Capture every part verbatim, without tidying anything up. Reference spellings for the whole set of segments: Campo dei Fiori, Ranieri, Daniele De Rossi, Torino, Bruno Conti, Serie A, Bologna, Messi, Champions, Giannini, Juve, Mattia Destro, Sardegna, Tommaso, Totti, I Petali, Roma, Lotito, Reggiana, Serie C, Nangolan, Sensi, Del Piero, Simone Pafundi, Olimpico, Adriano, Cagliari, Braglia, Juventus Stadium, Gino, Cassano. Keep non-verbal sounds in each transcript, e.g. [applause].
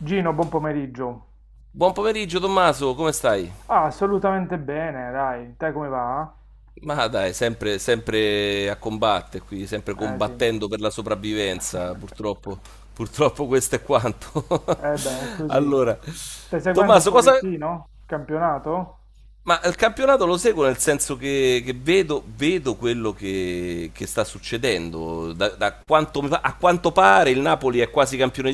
Gino, buon pomeriggio. Buon pomeriggio Tommaso, come stai? Ah, assolutamente bene, dai. Te come va? Ma dai, sempre, sempre a combattere qui, sempre Eh sì. combattendo per la sopravvivenza, [laughs] purtroppo, purtroppo questo è quanto. Eh beh, è [laughs] così. Allora, Stai seguendo un Tommaso, cosa. pochettino il campionato? Ma il campionato lo seguo nel senso che, che vedo, vedo quello che, che sta succedendo. Da, da quanto mi pa- a quanto pare il Napoli è quasi campione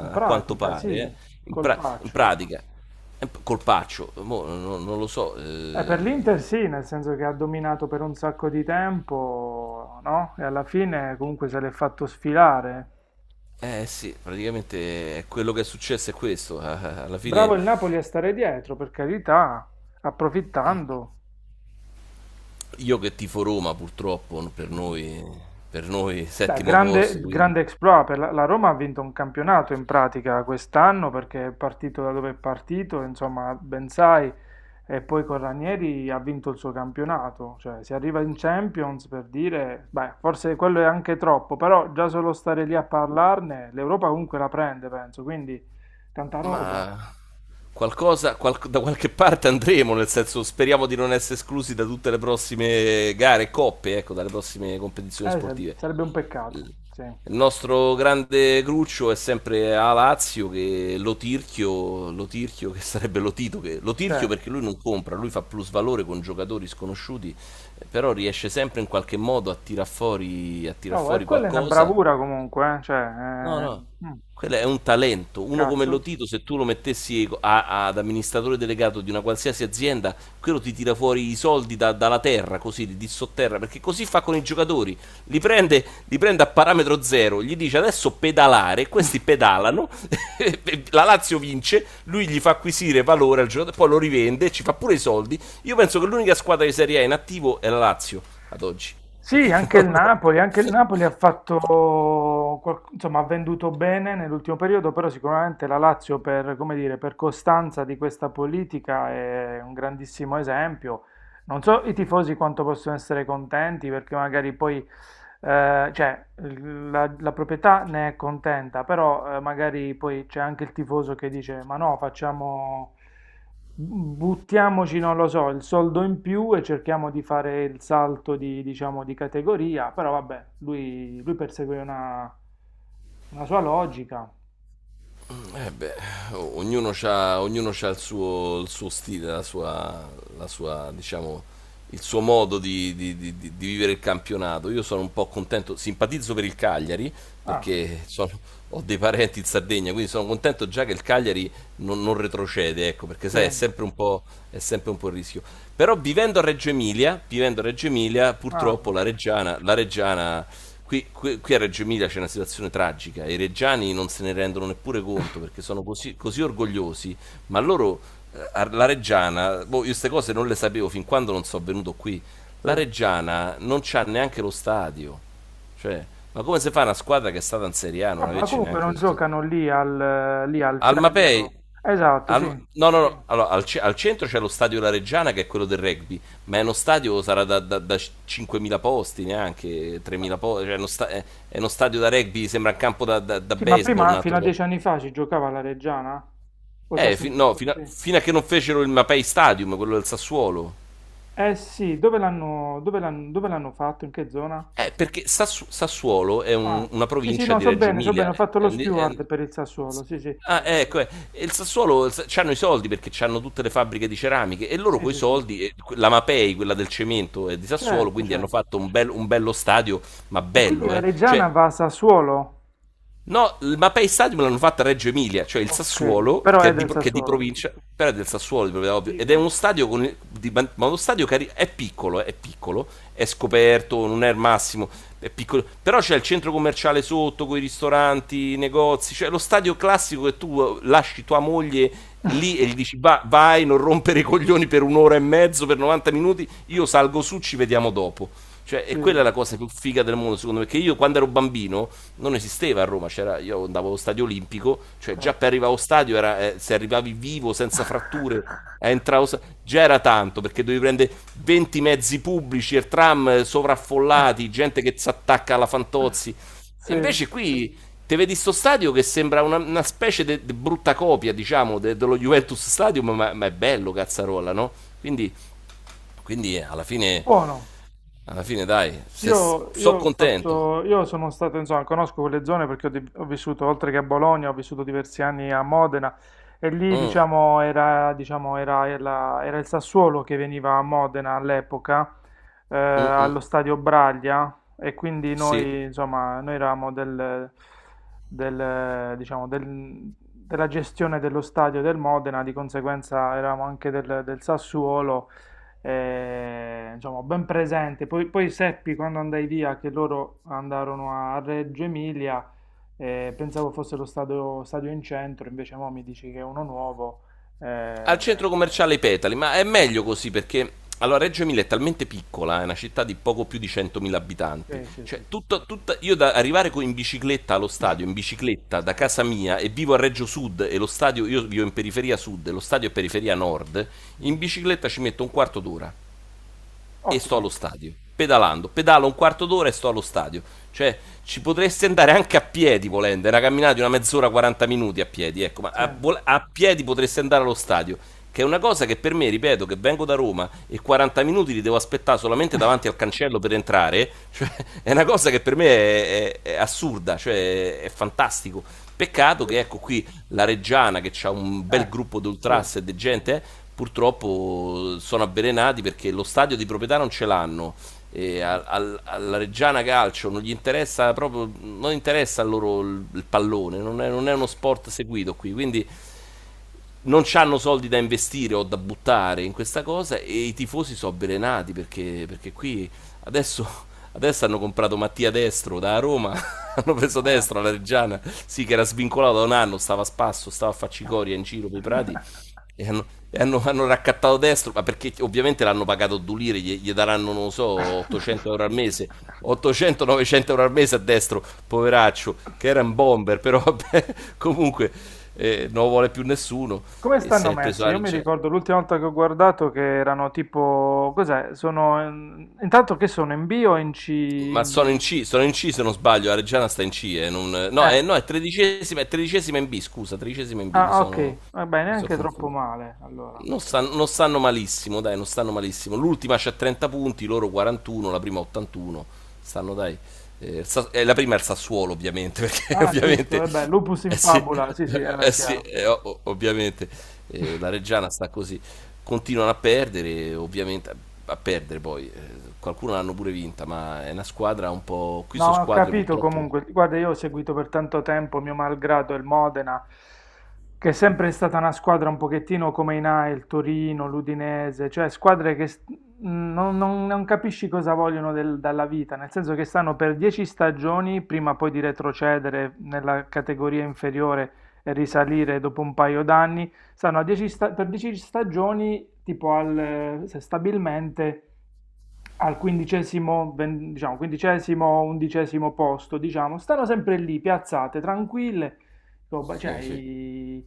In a quanto pratica, pare, sì, eh. In, pra- in colpaccio. pratica. Eh, Colpaccio, mo, non, non lo so. Eh, per eh, l'Inter sì, nel senso che ha dominato per un sacco di tempo, no? E alla fine comunque se l'è fatto sfilare. Eh sì, praticamente è quello che è successo è questo. [laughs] Alla Bravo fine il Napoli a stare dietro, per carità, approfittando. io che tifo Roma, purtroppo, per noi, per noi Beh, settimo posto, grande, quindi. grande exploit per la, la Roma ha vinto un campionato in pratica quest'anno perché è partito da dove è partito, insomma, ben sai, e poi con Ranieri ha vinto il suo campionato, cioè si arriva in Champions per dire, beh, forse quello è anche troppo, però già solo stare lì a parlarne, l'Europa comunque la prende, penso, quindi tanta roba. Ma qualcosa, qual- da qualche parte andremo, nel senso speriamo di non essere esclusi da tutte le prossime gare e coppe, ecco, dalle prossime competizioni Eh, sa- sportive. sarebbe un peccato, Il sì, il nostro grande cruccio è sempre a Lazio, che Lotirchio, Lotirchio che sarebbe Lotito, che, Lotirchio certo. perché lui non compra, lui fa plus valore con giocatori sconosciuti, eh, però riesce sempre in qualche modo a tirar fuori, a tirar Oh, e fuori quella è una qualcosa. bravura comunque, eh, cioè, eh, No, no, mm, quello è un talento. Uno come cazzo. Lotito, se tu lo mettessi a- ad amministratore delegato di una qualsiasi azienda, quello ti tira fuori i soldi da- dalla terra, così, di di sotterra, perché così fa con i giocatori. Li prende, li prende a parametro zero, gli dice adesso pedalare, questi [laughs] pedalano, [laughs] e la Lazio vince, lui gli fa acquisire valore al giocatore, poi lo rivende, ci fa pure i soldi. Io penso che l'unica squadra di Serie A in attivo è la Lazio, ad oggi. Sì, Perché [laughs] anche non. il Napoli, anche il Napoli ha fatto, qual- insomma, ha venduto bene nell'ultimo periodo, però sicuramente la Lazio per, come dire, per costanza di questa politica è un grandissimo esempio. Non so i tifosi quanto possono essere contenti perché magari poi, eh, cioè, l- la, la proprietà ne è contenta, però eh, magari poi c'è anche il tifoso che dice, ma no, facciamo, buttiamoci, non lo so, il soldo in più e cerchiamo di fare il salto di, diciamo, di categoria, però vabbè, lui, lui persegue una, una sua logica. Eh beh, o- ognuno ha il suo, il suo stile, la sua, la sua, diciamo, il suo modo di, di- di- di- di vivere il campionato. Io sono un po' contento, simpatizzo per il Cagliari Ah, perché sono- ho dei parenti in Sardegna, quindi sono contento già che il Cagliari non, non retrocede, ecco, perché sì, sai, è sempre, un po', è sempre un po' il rischio. Però vivendo a Reggio Emilia, vivendo a Reggio Emilia, purtroppo ah, la Reggiana, la Reggiana qui, qui- qui a Reggio Emilia c'è una situazione tragica, i reggiani non se ne rendono neppure conto perché [laughs] sono così, così orgogliosi, ma loro, eh, a- la Reggiana, boh, io queste cose non le sapevo fin quando non sono venuto qui, la sì. Reggiana non c'ha neanche lo stadio. Cioè, ma come si fa, una squadra che è stata in Serie A non Vabbè, ma averci comunque neanche non lo stadio? giocano lì al, lì al Almapei, centro. Esatto, al, sì. no, no, no. Allora, al, ce- al centro c'è lo stadio La Reggiana, che è quello del rugby, ma è uno stadio, sarà da, da- da cinquemila posti, neanche tremila posti. Cioè, è uno sta- è, è uno stadio da rugby, sembra un campo da, da- da Sì, ma baseball. Un prima, fino altro a po'. dieci anni fa, si giocava alla Reggiana? O c'è Eh, fi- sem- no, fino a, sì. fino a che non fecero il Mapei Stadium, quello del Sassuolo. Eh sì, dove l'hanno dove l'hanno- dove l'hanno fatto? In che zona? Eh, perché Sassu- Sassuolo è Ah, un- una sì, sì, provincia no, di so Reggio bene, so Emilia. bene, ho eh, fatto lo eh, eh, steward per il Sassuolo, sì, sì, Ah, ecco, eh, e il Sassuolo hanno i soldi perché hanno tutte le fabbriche di ceramiche e loro sì, coi sì, sì. soldi, eh, que- la Mapei, quella del cemento, è di Sassuolo, Certo, quindi hanno certo. fatto un, bel- un bello stadio, ma E quindi bello, la eh. Cioè, Reggiana va a Sassuolo? no, il Mapei Stadium l'hanno fatta a Reggio Emilia, cioè il Ok, Sassuolo, però che è è di, del pro- che è di Sassuolo. provincia, però è del Sassuolo, di proprietà, ovvio, ed è uno Dico. stadio, con il- di ban- ma uno stadio cari- è piccolo, è piccolo, è scoperto, non è il massimo, è piccolo, però c'è il centro commerciale sotto, con i ristoranti, i negozi, cioè lo stadio classico che tu eh, lasci tua moglie [laughs] lì e gli dici: "Va- vai, non rompere i coglioni per un'ora e mezzo, per novanta minuti, io salgo su, ci vediamo dopo". Cioè, e quella è la Sì, cosa più figa del mondo, secondo me. Perché io, quando ero bambino, non esisteva a Roma. C'era, io andavo allo stadio Olimpico, cioè già per certo. arrivare allo stadio, era, eh, se arrivavi vivo, senza fratture, a entrare allo sta- già era tanto, perché dovevi prendere venti mezzi pubblici e tram eh, sovraffollati, gente che si attacca alla Fantozzi. E Sì. invece qui te vedi sto stadio che sembra una, una specie di brutta copia, diciamo, de- dello Juventus Stadium, ma, ma è bello, cazzarolla, no? Quindi, quindi eh, alla fine Buono. alla fine, dai, se, Io, io so ho contento. fatto, io sono stato, insomma, conosco quelle zone perché ho, di- ho vissuto, oltre che a Bologna, ho vissuto diversi anni a Modena e lì, Mm, diciamo, era, diciamo, era, era- era il Sassuolo che veniva a Modena all'epoca, eh, mm, mm, allo stadio Braglia e quindi sì. noi, insomma, noi eravamo del, del, diciamo, del- della gestione dello stadio del Modena, di conseguenza eravamo anche del, del Sassuolo eh, insomma, ben presente. Poi, poi seppi quando andai via che loro andarono a Reggio Emilia, eh, pensavo fosse lo stadio, stadio in centro, invece mo mi dici che è uno nuovo. Al eh, centro commerciale I Petali. Ma è meglio così, perché allora Reggio Emilia è talmente piccola, è una città di poco più di centomila abitanti. sì, sì, sì, Cioè, sì. tutto, tutta- io da arrivare co- in bicicletta allo [laughs] stadio, in bicicletta da Sì, casa mia, e vivo a Reggio Sud e lo stadio, io vivo in periferia sud e lo stadio è periferia nord, in mhm. bicicletta ci metto un quarto d'ora. e sto allo Ottimo, stadio. Pedalando, pedalo un quarto d'ora e sto allo stadio. Cioè, ci potresti andare anche a piedi, volendo, è una camminata di una mezz'ora, quaranta minuti a piedi, ecco, ma sì, a, vol- a piedi potresti andare allo stadio, che è una cosa che per me, ripeto, che vengo da Roma e quaranta minuti li devo aspettare solamente davanti al cancello per entrare, [laughs] cioè, è una cosa che per me è, è- è assurda, cioè, è fantastico. Peccato che, sì. ecco, qui la Reggiana, che ha un bel Ecco, gruppo di sì. ultras e di gente, eh, purtroppo sono avvelenati perché lo stadio di proprietà non ce l'hanno. E al- Mm. al- alla Reggiana Calcio non gli interessa proprio, non interessa a loro il, il pallone, non è, non è uno sport seguito qui, quindi non hanno soldi da investire o da buttare in questa cosa, e i tifosi sono avvelenati perché, perché qui adesso, adesso hanno comprato Mattia Destro da Roma, [laughs] hanno preso Ah. Destro alla Reggiana, sì, che era svincolato da un anno, stava a spasso, stava a faccicoria in giro per i prati, e hanno, e hanno, hanno raccattato Destro, ma perché ovviamente l'hanno pagato Dulire, gli, gli daranno, non lo so, [laughs] ottocento euro al mese, ottocento-novecento euro al mese a Destro, poveraccio, che era un bomber, però [laughs] vabbè, comunque, eh, non lo vuole più nessuno. Come E se stanno è preso messi? la Io mi Reggiana. ricordo l'ultima volta che ho guardato che erano tipo, cos'è? Sono in- intanto che sono in B o in C? Ma In- sono in C, sono in C, se non sbaglio, la Reggiana sta in C. eh, non- No, eh, Eh. no, è tredicesima, è tredicesima in B, scusa, tredicesima in B, mi Ah, sono, ok, vabbè, mi sono neanche troppo confuso. male allora. Non stanno, non stanno malissimo, dai, non stanno malissimo. L'ultima c'ha trenta punti, loro quarantuno, la prima ottantuno. Stanno, dai. eh, il Sa- eh, la prima è il Sassuolo, ovviamente, [laughs] perché Ah, giusto, ovviamente. vabbè, lupus Eh in sì, fabula, sì, sì, eh, è eh sì, chiaro. eh, o- o- ovviamente. Eh, la [laughs] Reggiana sta così. continuano a perdere, ovviamente, a perdere poi, eh, qualcuno l'hanno pure vinta, ma è una squadra un po'. Qui No, sono ma ho squadre capito purtroppo. comunque. Guarda, io ho seguito per tanto tempo, mio malgrado, il Modena, che è sempre stata una squadra un pochettino come i Nai, il Torino, l'Udinese, cioè squadre che st- non, non- non capisci cosa vogliono del- dalla vita, nel senso che stanno per dieci stagioni prima poi di retrocedere nella categoria inferiore e risalire dopo un paio d'anni, stanno a dieci sta- per dieci stagioni tipo al, eh, stabilmente al quindicesimo, ven- diciamo, quindicesimo, undicesimo posto, diciamo, stanno sempre lì, piazzate, tranquille, roba- cioè, Sì, sì, i-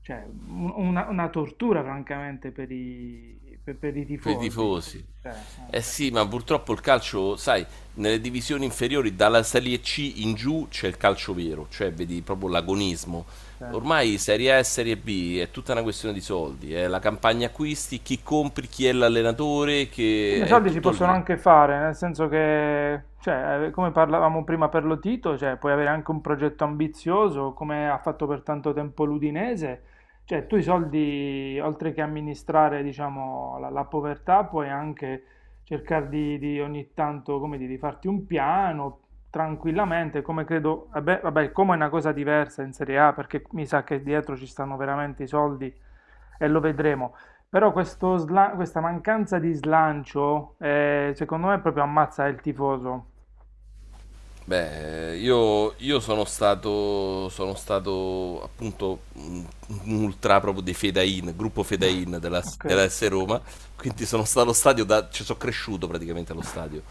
cioè, un- una, una tortura francamente per i, per, per i per i tifosi. tifosi. Cioè, Eh eh, sì, ma purtroppo il calcio, sai, nelle divisioni inferiori, dalla Serie C in giù c'è il calcio vero, cioè vedi proprio l'agonismo. sì. Ormai Serie A e Serie B è tutta una questione di soldi, è la campagna acquisti, chi compri, chi è l'allenatore, Sì, ma che i è soldi si tutto possono lì. anche fare, nel senso che, cioè, eh, come parlavamo prima per Lotito, cioè, puoi avere anche un progetto ambizioso, come ha fatto per tanto tempo l'Udinese, cioè, tu i soldi, oltre che amministrare, diciamo, la, la povertà, puoi anche cercare di, di ogni tanto, come dire, di farti un piano tranquillamente, come credo, vabbè, vabbè, come è una cosa diversa in Serie A, perché mi sa che dietro ci stanno veramente i soldi e lo vedremo. Però questo sla- questa mancanza di slancio, eh, secondo me, proprio ammazza il tifoso. Beh, io, io sono stato, sono stato appunto un un ultra, proprio dei Fedain, gruppo [laughs] Fedain della, Ok, della esse Roma, quindi sono stato allo stadio, da, ci sono cresciuto praticamente allo stadio.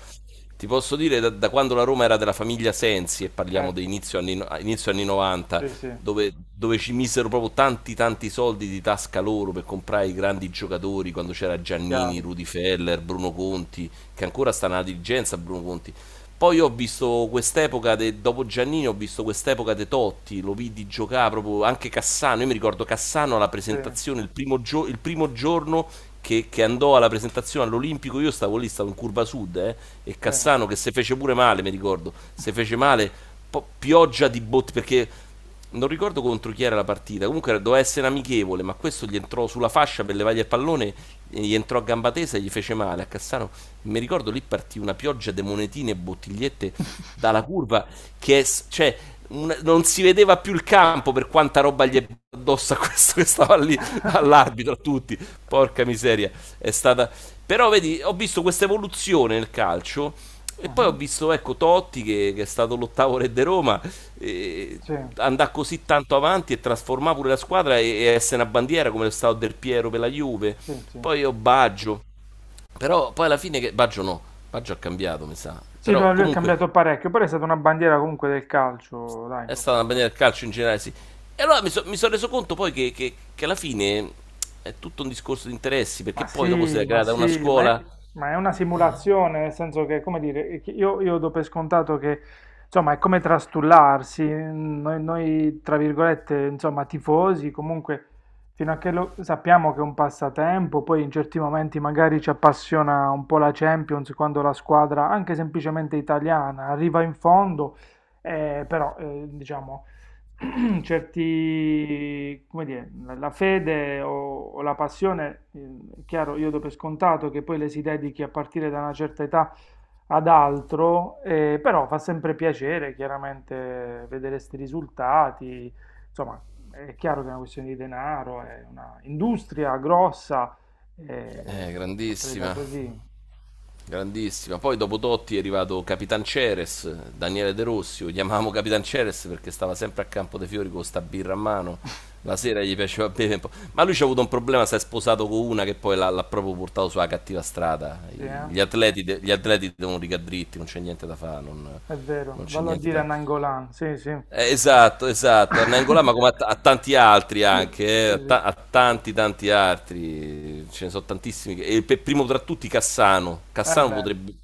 Ti posso dire da, da quando la Roma era della famiglia Sensi, e parliamo di certo, inizio anni, no, inizio anni novanta, sì, sì, dove, dove ci misero proprio tanti tanti soldi di tasca loro per comprare i grandi giocatori, quando c'era Giannini, chiaro, Rudy Feller, Bruno Conti, che ancora sta nella dirigenza, Bruno Conti, poi ho visto quest'epoca, de- dopo Giannini, ho visto quest'epoca de Totti, lo vidi giocare proprio anche Cassano. Io mi ricordo Cassano alla sì, presentazione, il primo, gio- il primo giorno che, che andò alla presentazione all'Olimpico, io stavo lì, stavo in curva sud, eh, e sì. Cassano che se fece pure male, mi ricordo, se fece male, po- pioggia di botte, perché non ricordo contro chi era la partita. Comunque era- doveva essere amichevole, ma questo gli entrò sulla fascia per levargli il pallone, e gli entrò a gamba tesa e gli fece male a Cassano. Mi ricordo lì partì una pioggia di monetine e bottigliette dalla curva, che è s- cioè un- non si vedeva più il campo per quanta roba gli è addosso a questo che stava lì, [laughs] all'arbitro, a tutti. Porca miseria. È stata Però, vedi, ho visto questa evoluzione nel calcio, e poi ho Mhm. visto, ecco, Totti, che, che è stato l'ottavo re di Roma e Sì, andare così tanto avanti e trasformare pure la squadra, e, e essere una bandiera come lo stato Del Piero per la Juve. sì, sì. Poi ho Baggio, però poi alla fine che. Baggio, no, Baggio ha cambiato, mi sa, Sì, però no, lui è comunque cambiato parecchio, però è stata una bandiera comunque del calcio, dai. è stata una bandiera del calcio in generale, sì. E allora mi, so- mi sono reso conto poi che, che- che alla fine è tutto un discorso di interessi, perché Ma poi dopo si sì, è ma creata una sì, ma è, scuola ma è una simulazione, nel senso che, come dire, che io, io do per scontato che, insomma, è come trastullarsi, mm, noi, noi, tra virgolette, insomma, tifosi, comunque, fino a che lo, sappiamo che è un passatempo, poi in certi momenti magari ci appassiona un po' la Champions, quando la squadra, anche semplicemente italiana, arriva in fondo, eh, però, eh, diciamo, [clears throat] certi, come dire, la la fede o, o la passione, eh, è chiaro, io do per scontato che poi le si dedichi a partire da una certa età ad altro, eh, però fa sempre piacere, chiaramente, vedere questi risultati. Insomma, è chiaro che è una questione di denaro, è una industria grossa, eh, eh, l'ha presa grandissima, così. grandissima. Poi dopo Totti è arrivato Capitan Ceres, Daniele De Rossi, lo chiamavamo Capitan Ceres perché stava sempre a Campo dei Fiori con sta birra a mano. La sera [laughs] gli piaceva bere un po'. Ma lui c'ha avuto un problema, si è sposato con una che poi l'ha, l'ha proprio portato sulla cattiva strada. Sì, I- eh? Gli atleti, de- gli atleti devono rigare dritti, non c'è niente da fare, non È vero, non c'è vallo a niente dire da... a Nangolan, sì, sì. Eh, Esatto, esatto, Nangola, [laughs] ma come a, t- a tanti altri Sì, anche, eh, a, sì. ta- a tanti tanti altri, ce ne sono tantissimi, che- e per primo tra tutti Cassano. Eh Cassano beh, potrebbe,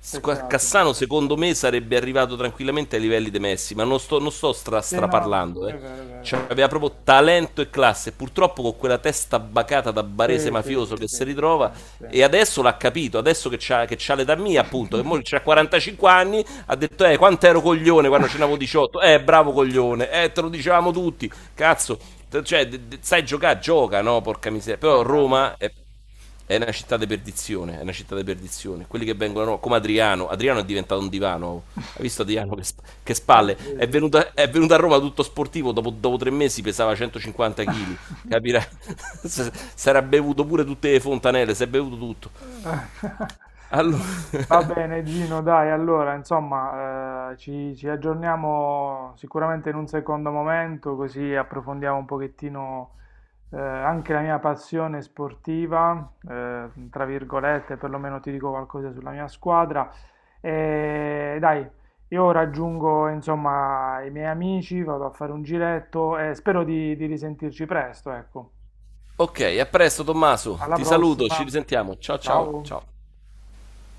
squa- peccato. Cassano secondo me sarebbe arrivato tranquillamente ai livelli di Messi, ma non sto, non sto stra- Sì, no, no, straparlando, eh. è vero, è vero, è vero. Cioè, aveva proprio talento e classe. Purtroppo con quella testa bacata da barese Sì, sì, mafioso sì, che sì, si sì, ritrova. sì. E adesso l'ha capito, adesso che c'ha, che c'ha l'età mia, appunto, che mo c'ha quarantacinque anni, ha detto, eh, quanto ero coglione quando ce n'avevo diciotto. Eh, bravo [laughs] coglione, eh, te lo dicevamo tutti. Cazzo, te- cioè, de- de- sai giocare, gioca, no? Porca miseria. Però Mannaggia. Roma è è una città di perdizione, è una città di perdizione. Quelli che vengono, come Adriano, Adriano è diventato un divano. Hai visto Adriano che, sp- che Eh, spalle? sì, sì, È venuto, sì. a- è venuto a Roma tutto sportivo, dopo, dopo tre mesi pesava centocinquanta chili, [laughs] capirai? [laughs] S- Sarà bevuto pure tutte le fontanelle, si è bevuto tutto. [laughs] Allora. Va [laughs] bene, Gino, dai, allora, insomma, eh, ci, ci aggiorniamo sicuramente in un secondo momento, così approfondiamo un pochettino eh, anche la mia passione sportiva, eh, tra virgolette, perlomeno ti dico qualcosa sulla mia squadra. E dai, io raggiungo, insomma, i miei amici, vado a fare un giretto e spero di, di risentirci presto, ecco. Ok, a presto Tommaso, Alla ti saluto, ci prossima, risentiamo. Ciao ciao ciao. ciao.